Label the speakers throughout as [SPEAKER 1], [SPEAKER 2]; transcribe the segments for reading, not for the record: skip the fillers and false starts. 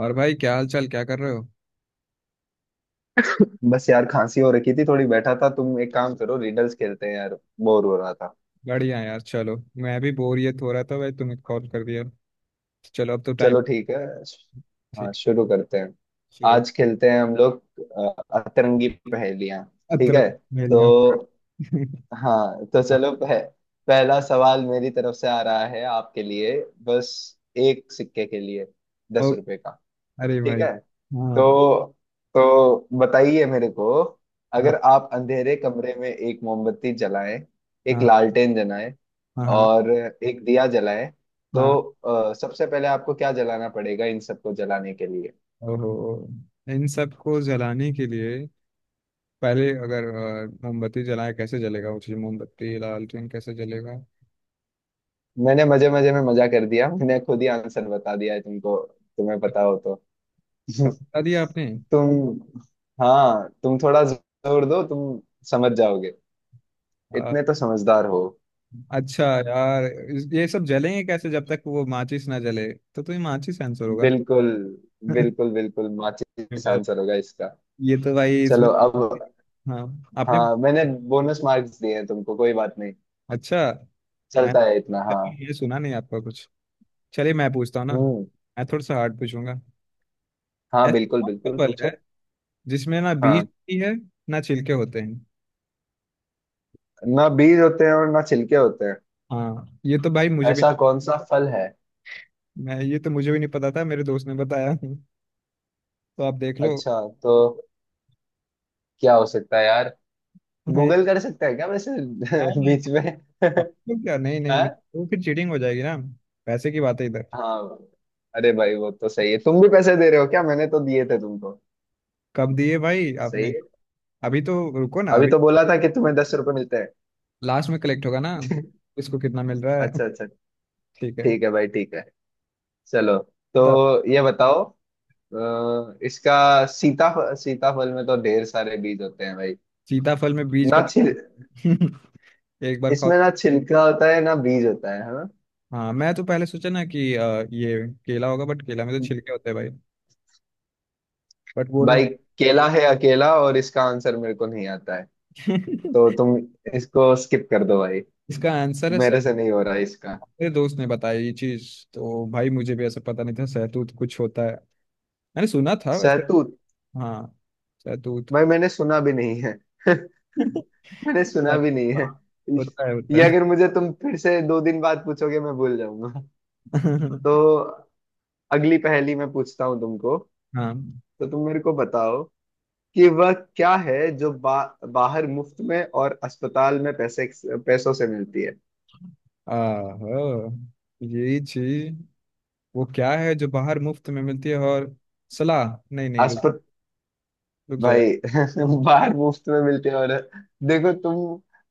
[SPEAKER 1] और भाई, क्या हाल चाल? क्या कर रहे हो?
[SPEAKER 2] बस यार, खांसी हो रखी थी थोड़ी, बैठा था। तुम एक काम करो, रिडल्स खेलते हैं यार। बोर हो रहा था।
[SPEAKER 1] बढ़िया यार, चलो। मैं भी बोरियत हो रहा था भाई, तुम्हें कॉल कर दिया। चलो, अब तो टाइम।
[SPEAKER 2] चलो ठीक है। हाँ,
[SPEAKER 1] ठीक।
[SPEAKER 2] शुरू करते हैं।
[SPEAKER 1] शुरू।
[SPEAKER 2] आज खेलते हैं हम लोग अतरंगी पहेलियां। ठीक
[SPEAKER 1] अतरे
[SPEAKER 2] है।
[SPEAKER 1] मेलियो।
[SPEAKER 2] तो। हाँ तो चलो, पहला सवाल मेरी तरफ से आ रहा है आपके लिए। बस। एक सिक्के के लिए
[SPEAKER 1] ओ,
[SPEAKER 2] 10 रुपए का।
[SPEAKER 1] अरे
[SPEAKER 2] ठीक
[SPEAKER 1] भाई।
[SPEAKER 2] है।
[SPEAKER 1] हाँ।
[SPEAKER 2] तो, बताइए मेरे को।
[SPEAKER 1] हाँ।
[SPEAKER 2] अगर आप अंधेरे कमरे में एक मोमबत्ती जलाएं, एक
[SPEAKER 1] हाँ
[SPEAKER 2] लालटेन जलाएं,
[SPEAKER 1] हाँ। हाँ।
[SPEAKER 2] और एक दिया जलाएं,
[SPEAKER 1] हाँ,
[SPEAKER 2] तो सबसे पहले आपको क्या जलाना पड़ेगा इन सबको जलाने के लिए?
[SPEAKER 1] ओहो, इन सब को जलाने के लिए पहले अगर मोमबत्ती जलाए, कैसे जलेगा वो चीज? मोमबत्ती, लालटेन कैसे जलेगा?
[SPEAKER 2] मैंने मजे मजे में मजा कर दिया, मैंने खुद ही आंसर बता दिया है तुमको। तुम्हें पता हो तो।
[SPEAKER 1] तो बता दिया आपने।
[SPEAKER 2] तुम। हाँ तुम थोड़ा जोर दो, तुम समझ जाओगे।
[SPEAKER 1] अ।
[SPEAKER 2] इतने तो समझदार हो।
[SPEAKER 1] अच्छा यार, ये सब जलेंगे कैसे जब तक वो माचिस ना जले? तो तुम्हें माचिस आंसर होगा
[SPEAKER 2] बिल्कुल
[SPEAKER 1] ना।
[SPEAKER 2] बिल्कुल बिल्कुल, माचिस
[SPEAKER 1] पर
[SPEAKER 2] आंसर होगा इसका।
[SPEAKER 1] ये तो भाई इसमें।
[SPEAKER 2] चलो अब।
[SPEAKER 1] हाँ आपने।
[SPEAKER 2] हाँ मैंने बोनस मार्क्स दिए हैं तुमको, कोई बात नहीं।
[SPEAKER 1] अच्छा। मैं
[SPEAKER 2] चलता है इतना, हाँ।
[SPEAKER 1] ये सुना नहीं आपका कुछ। चलिए मैं पूछता हूँ ना।
[SPEAKER 2] हम्म।
[SPEAKER 1] मैं थोड़ा सा हार्ड पूछूंगा।
[SPEAKER 2] हाँ,
[SPEAKER 1] ऐसा
[SPEAKER 2] बिल्कुल
[SPEAKER 1] कौन सा
[SPEAKER 2] बिल्कुल
[SPEAKER 1] फल है
[SPEAKER 2] पूछो।
[SPEAKER 1] जिसमें ना बीज
[SPEAKER 2] हाँ,
[SPEAKER 1] होती है, ना छिलके होते हैं?
[SPEAKER 2] ना बीज होते हैं और ना छिलके होते हैं।
[SPEAKER 1] हाँ, ये तो भाई मुझे भी।
[SPEAKER 2] ऐसा कौन सा फल है?
[SPEAKER 1] मैं, ये तो मुझे भी नहीं पता था, मेरे दोस्त ने बताया। तो आप देख लो।
[SPEAKER 2] अच्छा। तो। क्या हो सकता है यार?
[SPEAKER 1] हाँ, ये-
[SPEAKER 2] गूगल कर सकते हैं क्या वैसे?
[SPEAKER 1] नहीं नहीं।
[SPEAKER 2] बीच में।
[SPEAKER 1] नहीं, क्या? नहीं नहीं
[SPEAKER 2] हाँ।
[SPEAKER 1] नहीं, तो फिर चीटिंग हो जाएगी ना। पैसे की बात है इधर।
[SPEAKER 2] हाँ। अरे भाई, वो तो सही है, तुम भी पैसे दे रहे हो क्या? मैंने तो दिए थे तुमको।
[SPEAKER 1] कब दिए भाई
[SPEAKER 2] सही
[SPEAKER 1] आपने?
[SPEAKER 2] है।
[SPEAKER 1] अभी तो रुको ना
[SPEAKER 2] अभी
[SPEAKER 1] अभी।
[SPEAKER 2] तो बोला था कि तुम्हें 10 रुपए मिलते हैं।
[SPEAKER 1] लास्ट में कलेक्ट होगा ना। इसको कितना मिल रहा है?
[SPEAKER 2] अच्छा अच्छा।
[SPEAKER 1] ठीक है।
[SPEAKER 2] ठीक है भाई, ठीक है। चलो।
[SPEAKER 1] सीता।
[SPEAKER 2] तो ये बताओ। इसका। सीताफल में तो ढेर सारे बीज होते हैं भाई।
[SPEAKER 1] सीताफल में बीज
[SPEAKER 2] ना
[SPEAKER 1] का?
[SPEAKER 2] छिल
[SPEAKER 1] तो एक बार खाओ।
[SPEAKER 2] इसमें ना छिलका होता है ना बीज होता है ना?
[SPEAKER 1] हाँ, मैं तो पहले सोचा ना कि ये केला होगा, बट केला में तो छिलके होते हैं भाई। बट वो ना।
[SPEAKER 2] भाई, केला है अकेला और इसका आंसर मेरे को नहीं आता है। तो तुम इसको स्किप कर दो भाई।
[SPEAKER 1] इसका आंसर है
[SPEAKER 2] मेरे
[SPEAKER 1] सर।
[SPEAKER 2] से नहीं हो रहा है इसका।
[SPEAKER 1] मेरे दोस्त ने बताया ये चीज। तो भाई मुझे भी ऐसा पता नहीं था, सहतूत कुछ होता है। मैंने सुना था वैसे।
[SPEAKER 2] शहतूत।
[SPEAKER 1] हाँ। सहतूत।
[SPEAKER 2] भाई, मैंने सुना भी नहीं है। मैंने सुना
[SPEAKER 1] हाँ,
[SPEAKER 2] भी नहीं है।
[SPEAKER 1] होता है,
[SPEAKER 2] ये
[SPEAKER 1] होता है।
[SPEAKER 2] अगर मुझे तुम फिर से 2 दिन बाद पूछोगे मैं भूल जाऊंगा। तो अगली पहेली मैं पूछता हूँ तुमको।
[SPEAKER 1] हाँ।
[SPEAKER 2] तो तुम मेरे को बताओ कि वह क्या है जो बाहर मुफ्त में और अस्पताल में पैसे पैसों से मिलती है।
[SPEAKER 1] आहो, ये चीज। वो क्या है जो बाहर मुफ्त में मिलती है और? सलाह। नहीं नहीं, रुक,
[SPEAKER 2] अस्पत
[SPEAKER 1] रुक जाए।
[SPEAKER 2] भाई। बाहर मुफ्त में मिलती है और, देखो तुम,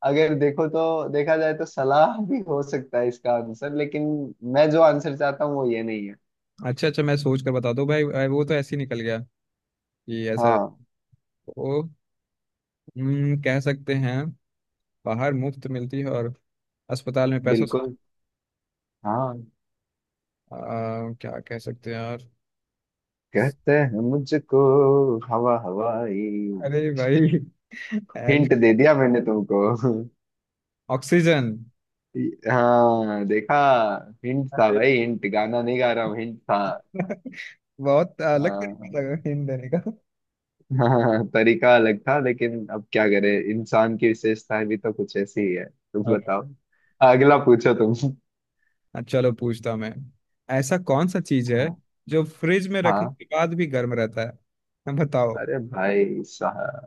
[SPEAKER 2] अगर देखो तो देखा जाए तो सलाह भी हो सकता है इसका आंसर, लेकिन मैं जो आंसर चाहता हूँ वो ये नहीं है।
[SPEAKER 1] अच्छा अच्छा, मैं सोच कर बता दूं भाई। वो तो ऐसे ही निकल गया कि ऐसा
[SPEAKER 2] हाँ,
[SPEAKER 1] वो। कह सकते हैं। बाहर मुफ्त मिलती है और अस्पताल में पैसों से।
[SPEAKER 2] बिल्कुल। हाँ।
[SPEAKER 1] आ, क्या कह सकते हैं यार?
[SPEAKER 2] कहते हैं मुझको, हवा हवाई।
[SPEAKER 1] अरे भाई।
[SPEAKER 2] हिंट
[SPEAKER 1] ऐड-
[SPEAKER 2] दे दिया मैंने तुमको।
[SPEAKER 1] ऑक्सीजन।
[SPEAKER 2] हाँ देखा। हिंट था
[SPEAKER 1] अरे,
[SPEAKER 2] भाई, हिंट गाना नहीं गा रहा हूँ, हिंट था।
[SPEAKER 1] बहुत अलग
[SPEAKER 2] हाँ।
[SPEAKER 1] तरीके लगा हिंट देने का।
[SPEAKER 2] हाँ, तरीका अलग था लेकिन अब क्या करे, इंसान की विशेषताएं भी तो कुछ ऐसी ही है। तुम
[SPEAKER 1] और।
[SPEAKER 2] बताओ, अगला पूछो तुम।
[SPEAKER 1] चलो पूछता हूं मैं। ऐसा कौन सा चीज है
[SPEAKER 2] हाँ।
[SPEAKER 1] जो फ्रिज में रखने
[SPEAKER 2] हाँ।
[SPEAKER 1] के बाद भी गर्म रहता है? बताओ।
[SPEAKER 2] अरे भाई साहब,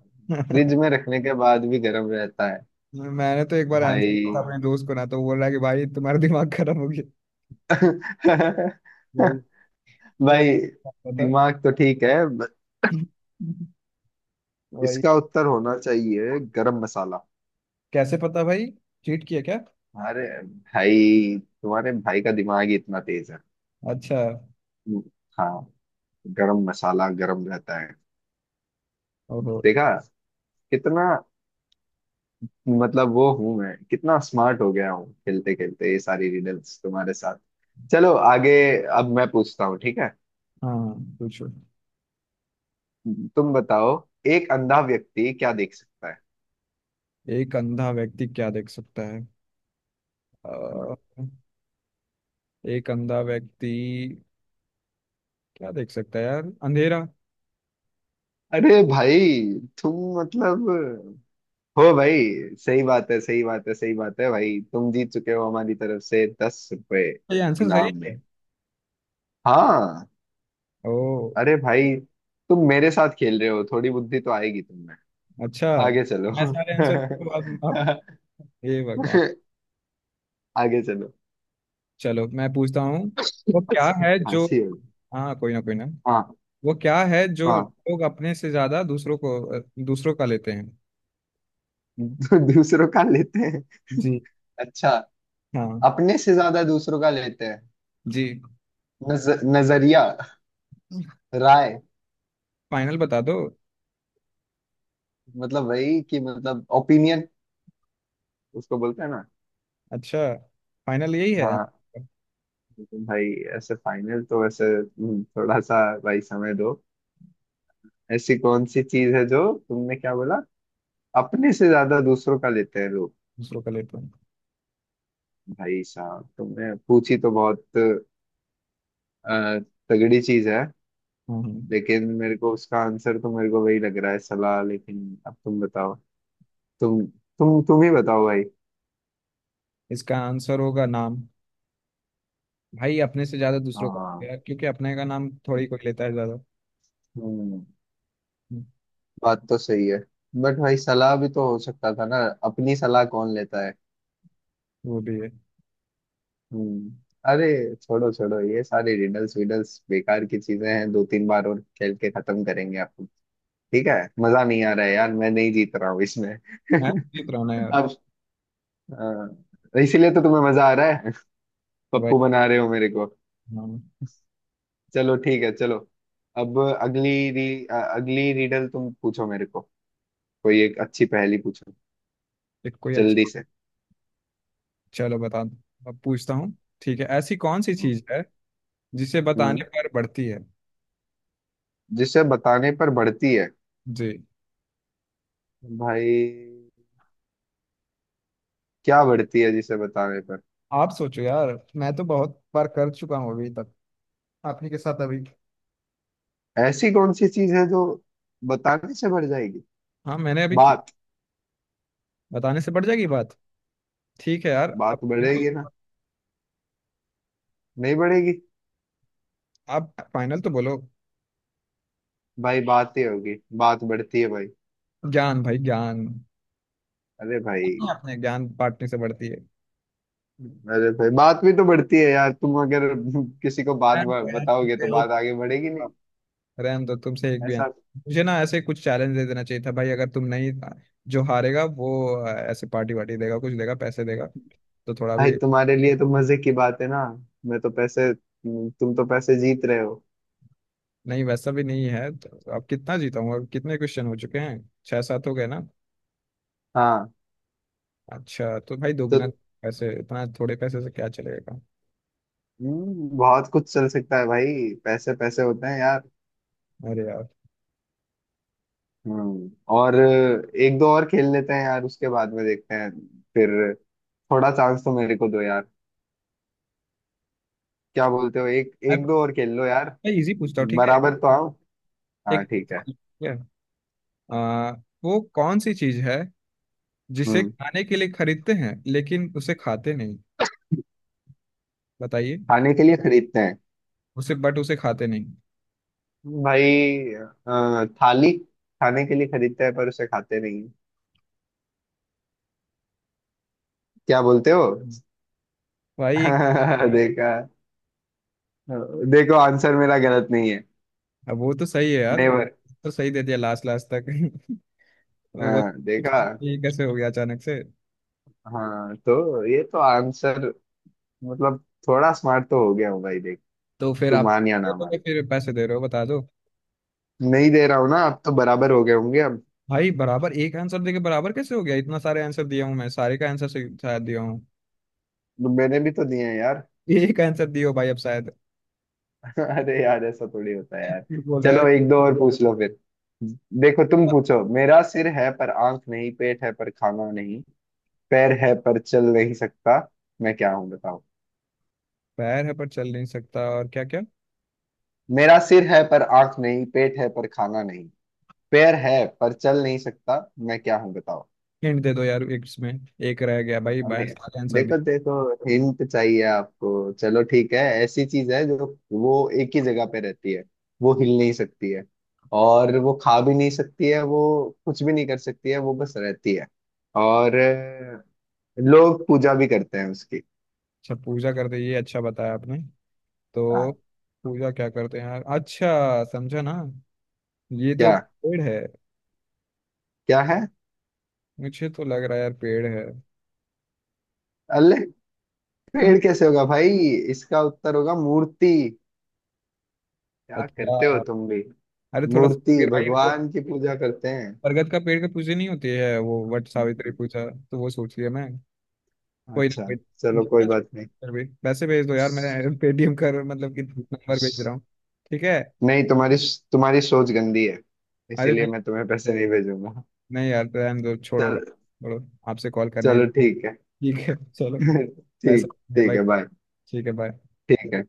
[SPEAKER 2] फ्रिज में रखने के बाद भी गर्म रहता है
[SPEAKER 1] मैंने तो एक बार
[SPEAKER 2] भाई।
[SPEAKER 1] आंसर दिया अपने दोस्त को ना, तो बोल रहा है कि भाई तुम्हारा दिमाग खराब हो गया। भाई।
[SPEAKER 2] भाई,
[SPEAKER 1] मैं बता था।
[SPEAKER 2] दिमाग तो ठीक है but
[SPEAKER 1] भाई।
[SPEAKER 2] इसका उत्तर होना चाहिए गरम मसाला।
[SPEAKER 1] कैसे पता भाई? चीट किया क्या?
[SPEAKER 2] अरे भाई, तुम्हारे भाई का दिमाग ही इतना तेज है।
[SPEAKER 1] अच्छा।
[SPEAKER 2] हाँ। गरम मसाला गरम रहता है।
[SPEAKER 1] ओहो।
[SPEAKER 2] देखा। कितना, मतलब वो हूं मैं, कितना स्मार्ट हो गया हूँ खेलते खेलते ये सारी रिडल्स तुम्हारे साथ। चलो आगे। अब मैं पूछता हूँ, ठीक है?
[SPEAKER 1] हाँ, पूछो।
[SPEAKER 2] तुम बताओ, एक अंधा व्यक्ति क्या देख सकता है?
[SPEAKER 1] एक अंधा व्यक्ति क्या देख सकता है?
[SPEAKER 2] हम्म।
[SPEAKER 1] अ, एक अंधा व्यक्ति क्या देख सकता है यार? अंधेरा।
[SPEAKER 2] अरे भाई, तुम मतलब हो भाई। सही बात है सही बात है सही बात है भाई, तुम जीत चुके हो, हमारी तरफ से 10 रुपए
[SPEAKER 1] ये आंसर सही
[SPEAKER 2] इनाम
[SPEAKER 1] है?
[SPEAKER 2] में। हाँ।
[SPEAKER 1] ओ।
[SPEAKER 2] अरे भाई, तुम मेरे साथ खेल रहे हो, थोड़ी बुद्धि तो आएगी तुम।
[SPEAKER 1] अच्छा।
[SPEAKER 2] आगे चलो।
[SPEAKER 1] मैं सारे आंसर तो अब। हे भगवान।
[SPEAKER 2] आगे चलो।
[SPEAKER 1] चलो मैं पूछता हूँ। वो क्या है जो?
[SPEAKER 2] फांसी होगी।
[SPEAKER 1] हाँ, कोई ना, कोई ना।
[SPEAKER 2] हाँ।
[SPEAKER 1] वो क्या है जो
[SPEAKER 2] हाँ।
[SPEAKER 1] लोग अपने से ज्यादा दूसरों को, दूसरों का लेते हैं?
[SPEAKER 2] दूसरों का लेते हैं।
[SPEAKER 1] जी।
[SPEAKER 2] अच्छा।
[SPEAKER 1] हाँ।
[SPEAKER 2] अपने से ज्यादा दूसरों का लेते हैं।
[SPEAKER 1] जी।
[SPEAKER 2] नज, नजरिया, राय।
[SPEAKER 1] फाइनल बता दो।
[SPEAKER 2] मतलब वही कि मतलब, ओपिनियन उसको बोलते हैं ना?
[SPEAKER 1] अच्छा। फाइनल यही है।
[SPEAKER 2] हाँ। लेकिन भाई, ऐसे फाइनल तो वैसे, थोड़ा सा भाई समय दो। ऐसी कौन सी चीज है जो, तुमने क्या बोला? अपने से ज्यादा दूसरों का लेते हैं लोग।
[SPEAKER 1] दूसरों का लेते हैं।
[SPEAKER 2] भाई साहब, तुमने पूछी तो बहुत अ, तगड़ी चीज है।
[SPEAKER 1] हम्म। हम्म।
[SPEAKER 2] लेकिन मेरे को उसका आंसर तो मेरे को वही लग रहा है, सलाह, लेकिन अब तुम बताओ। तुम तुम ही बताओ भाई।
[SPEAKER 1] इसका आंसर होगा नाम। भाई, अपने से ज्यादा दूसरों का लेते
[SPEAKER 2] हाँ।
[SPEAKER 1] हैं यार, क्योंकि अपने का नाम थोड़ी कोई लेता है ज्यादा।
[SPEAKER 2] हम्म।
[SPEAKER 1] हम्म,
[SPEAKER 2] बात तो सही है। बट भाई, सलाह भी तो हो सकता था ना? अपनी सलाह कौन लेता है?
[SPEAKER 1] वो भी है।
[SPEAKER 2] हम्म। अरे, छोड़ो छोड़ो, ये सारे रिडल्स विडल्स बेकार की चीजें हैं, 2-3 बार और खेल के खत्म करेंगे आपको। ठीक है। मजा नहीं आ रहा है यार, मैं नहीं जीत रहा हूँ इसमें।
[SPEAKER 1] मैं लिख रहा हूँ ना यार।
[SPEAKER 2] अब, इसीलिए तो तुम्हें मजा आ रहा है।
[SPEAKER 1] वही।
[SPEAKER 2] पप्पू बना रहे हो मेरे को।
[SPEAKER 1] हाँ।
[SPEAKER 2] चलो ठीक है, चलो। अब अगली रीडल तुम पूछो मेरे को। कोई एक अच्छी पहेली पूछो,
[SPEAKER 1] एक कोई अच्छी।
[SPEAKER 2] जल्दी से।
[SPEAKER 1] चलो बता दो, अब पूछता हूँ। ठीक है, ऐसी कौन सी
[SPEAKER 2] हम्म।
[SPEAKER 1] चीज है जिसे
[SPEAKER 2] हम्म,
[SPEAKER 1] बताने पर बढ़ती है?
[SPEAKER 2] जिसे बताने पर बढ़ती है?
[SPEAKER 1] जी।
[SPEAKER 2] भाई, क्या बढ़ती है जिसे बताने पर?
[SPEAKER 1] आप सोचो यार, मैं तो बहुत बार कर चुका हूँ अभी तक, आप ही के साथ अभी।
[SPEAKER 2] ऐसी कौन सी चीज है जो बताने से बढ़ जाएगी?
[SPEAKER 1] हाँ, मैंने अभी की।
[SPEAKER 2] बात।
[SPEAKER 1] बताने से बढ़ जाएगी बात। ठीक है यार, अब
[SPEAKER 2] बात बढ़ेगी ना? नहीं बढ़ेगी।
[SPEAKER 1] आप फाइनल तो बोलो।
[SPEAKER 2] भाई, बात ही होगी, बात बढ़ती है भाई।
[SPEAKER 1] ज्ञान भाई, ज्ञान।
[SPEAKER 2] अरे भाई।
[SPEAKER 1] अपने ज्ञान बांटने से बढ़ती है।
[SPEAKER 2] अरे भाई, बात भी तो बढ़ती है यार, तुम अगर किसी को बात
[SPEAKER 1] रहन दो यार,
[SPEAKER 2] बताओगे तो
[SPEAKER 1] तुमसे
[SPEAKER 2] बात
[SPEAKER 1] एक-
[SPEAKER 2] आगे बढ़ेगी नहीं?
[SPEAKER 1] रहन दो, तुमसे एक भी
[SPEAKER 2] ऐसा।
[SPEAKER 1] answer। मुझे ना ऐसे कुछ चैलेंज दे देना चाहिए था भाई, अगर तुम नहीं। जो हारेगा वो ऐसे पार्टी वार्टी देगा, कुछ देगा, पैसे देगा, तो थोड़ा
[SPEAKER 2] भाई,
[SPEAKER 1] भी।
[SPEAKER 2] तुम्हारे लिए तो मजे की बात है ना? मैं तो पैसे, तुम तो पैसे जीत रहे हो।
[SPEAKER 1] नहीं, वैसा भी नहीं है तो। अब कितना जीता हूँ? अब कितने क्वेश्चन हो चुके हैं? छह सात हो गए ना?
[SPEAKER 2] हाँ।
[SPEAKER 1] अच्छा, तो भाई
[SPEAKER 2] तो,
[SPEAKER 1] दोगुना पैसे। इतना थोड़े पैसे से क्या चलेगा?
[SPEAKER 2] बहुत कुछ चल सकता है भाई, पैसे पैसे होते हैं यार।
[SPEAKER 1] अरे यार।
[SPEAKER 2] हम्म। और एक दो और खेल लेते हैं यार, उसके बाद में देखते हैं। फिर, थोड़ा चांस तो मेरे को दो यार। क्या बोलते हो, एक
[SPEAKER 1] मैं
[SPEAKER 2] एक दो और खेल लो यार।
[SPEAKER 1] मैं इजी पूछता हूँ, ठीक है?
[SPEAKER 2] बराबर तो आओ। हाँ
[SPEAKER 1] एक,
[SPEAKER 2] ठीक है।
[SPEAKER 1] ठीक है। आ, वो कौन सी चीज है जिसे
[SPEAKER 2] हम्म।
[SPEAKER 1] खाने के लिए खरीदते हैं लेकिन उसे खाते नहीं? बताइए।
[SPEAKER 2] खाने के लिए खरीदते हैं
[SPEAKER 1] उसे, बट उसे खाते नहीं।
[SPEAKER 2] भाई, थाली। खाने के लिए खरीदते हैं पर उसे खाते नहीं हैं। क्या बोलते हो?
[SPEAKER 1] भाई एक।
[SPEAKER 2] देखा। देखो, आंसर मेरा गलत नहीं है।
[SPEAKER 1] अब वो तो सही है यार।
[SPEAKER 2] नेवर।
[SPEAKER 1] तो सही दे दिया लास्ट लास्ट तक। वो
[SPEAKER 2] हाँ देखा।
[SPEAKER 1] तो, ये कैसे हो गया अचानक से?
[SPEAKER 2] हाँ तो ये तो आंसर, मतलब थोड़ा स्मार्ट तो हो गया हूँ भाई, देख।
[SPEAKER 1] तो फिर
[SPEAKER 2] तू
[SPEAKER 1] आप,
[SPEAKER 2] मान या
[SPEAKER 1] ये
[SPEAKER 2] ना
[SPEAKER 1] तो
[SPEAKER 2] मान।
[SPEAKER 1] फिर पैसे दे रहे हो, बता दो।
[SPEAKER 2] नहीं दे रहा हूँ ना, अब तो बराबर हो गए होंगे अब।
[SPEAKER 1] भाई, बराबर एक आंसर देके बराबर कैसे हो गया? इतना सारे आंसर दिया हूँ मैं, सारे का आंसर से शायद दिया हूँ।
[SPEAKER 2] तो मैंने भी तो दिए हैं यार।
[SPEAKER 1] यही का आंसर दियो भाई, अब शायद
[SPEAKER 2] अरे यार, ऐसा थोड़ी होता है यार।
[SPEAKER 1] झूठ बोल रहे यार।
[SPEAKER 2] चलो एक दो और पूछ लो फिर। देखो तुम पूछो, मेरा सिर है पर आंख नहीं, पेट है पर खाना नहीं, पैर है पर चल नहीं सकता, मैं क्या हूं बताओ।
[SPEAKER 1] पैर है पर चल नहीं सकता, और क्या क्या?
[SPEAKER 2] मेरा सिर है पर आंख नहीं, पेट है पर खाना, पैर है पर चल नहीं सकता, मैं क्या हूं बताओ।
[SPEAKER 1] हिंट दे दो यार एक इसमें। एक रह गया भाई, बाया
[SPEAKER 2] अबे,
[SPEAKER 1] सारे आंसर दे।
[SPEAKER 2] देखो देखो, हिंट चाहिए आपको? चलो ठीक है, ऐसी चीज है जो, वो एक ही जगह पे रहती है, वो हिल नहीं सकती है, और वो खा भी नहीं सकती है वो, कुछ भी नहीं कर सकती है, वो बस रहती है। और लोग पूजा भी करते हैं उसकी।
[SPEAKER 1] अच्छा, पूजा करते, ये अच्छा बताया आपने। तो
[SPEAKER 2] हाँ।
[SPEAKER 1] पूजा क्या करते हैं यार? अच्छा समझा ना, ये तो
[SPEAKER 2] क्या?
[SPEAKER 1] पेड़ है।
[SPEAKER 2] क्या है?
[SPEAKER 1] मुझे तो लग रहा है यार, पेड़ है।
[SPEAKER 2] अल्ले, पेड़ कैसे होगा भाई? इसका उत्तर होगा मूर्ति। क्या करते हो
[SPEAKER 1] अच्छा।
[SPEAKER 2] तुम भी।
[SPEAKER 1] अरे थोड़ा सा
[SPEAKER 2] मूर्ति
[SPEAKER 1] फिर भाई वो,
[SPEAKER 2] भगवान की पूजा करते
[SPEAKER 1] बरगद का पेड़ का पूजा नहीं होती है वो? वट सावित्री
[SPEAKER 2] हैं।
[SPEAKER 1] पूजा, तो वो सोच लिया मैं। कोई ना,
[SPEAKER 2] अच्छा।
[SPEAKER 1] कोई
[SPEAKER 2] चलो कोई
[SPEAKER 1] ना।
[SPEAKER 2] बात नहीं।
[SPEAKER 1] फिर भी पैसे भेज दो यार, मैं पेटीएम कर, मतलब कि नंबर भेज रहा हूँ, ठीक है?
[SPEAKER 2] नहीं, तुम्हारी तुम्हारी सोच गंदी है,
[SPEAKER 1] अरे
[SPEAKER 2] इसीलिए
[SPEAKER 1] नहीं,
[SPEAKER 2] मैं तुम्हें पैसे नहीं भेजूंगा।
[SPEAKER 1] नहीं यार, रहने दो,
[SPEAKER 2] चल।
[SPEAKER 1] छोड़ो छोड़ो। आपसे कॉल करना ही।
[SPEAKER 2] चलो ठीक है।
[SPEAKER 1] ठीक है, चलो। पैसा।
[SPEAKER 2] ठीक।
[SPEAKER 1] ये
[SPEAKER 2] ठीक
[SPEAKER 1] भाई,
[SPEAKER 2] है बाय।
[SPEAKER 1] ठीक है, बाय।
[SPEAKER 2] ठीक है।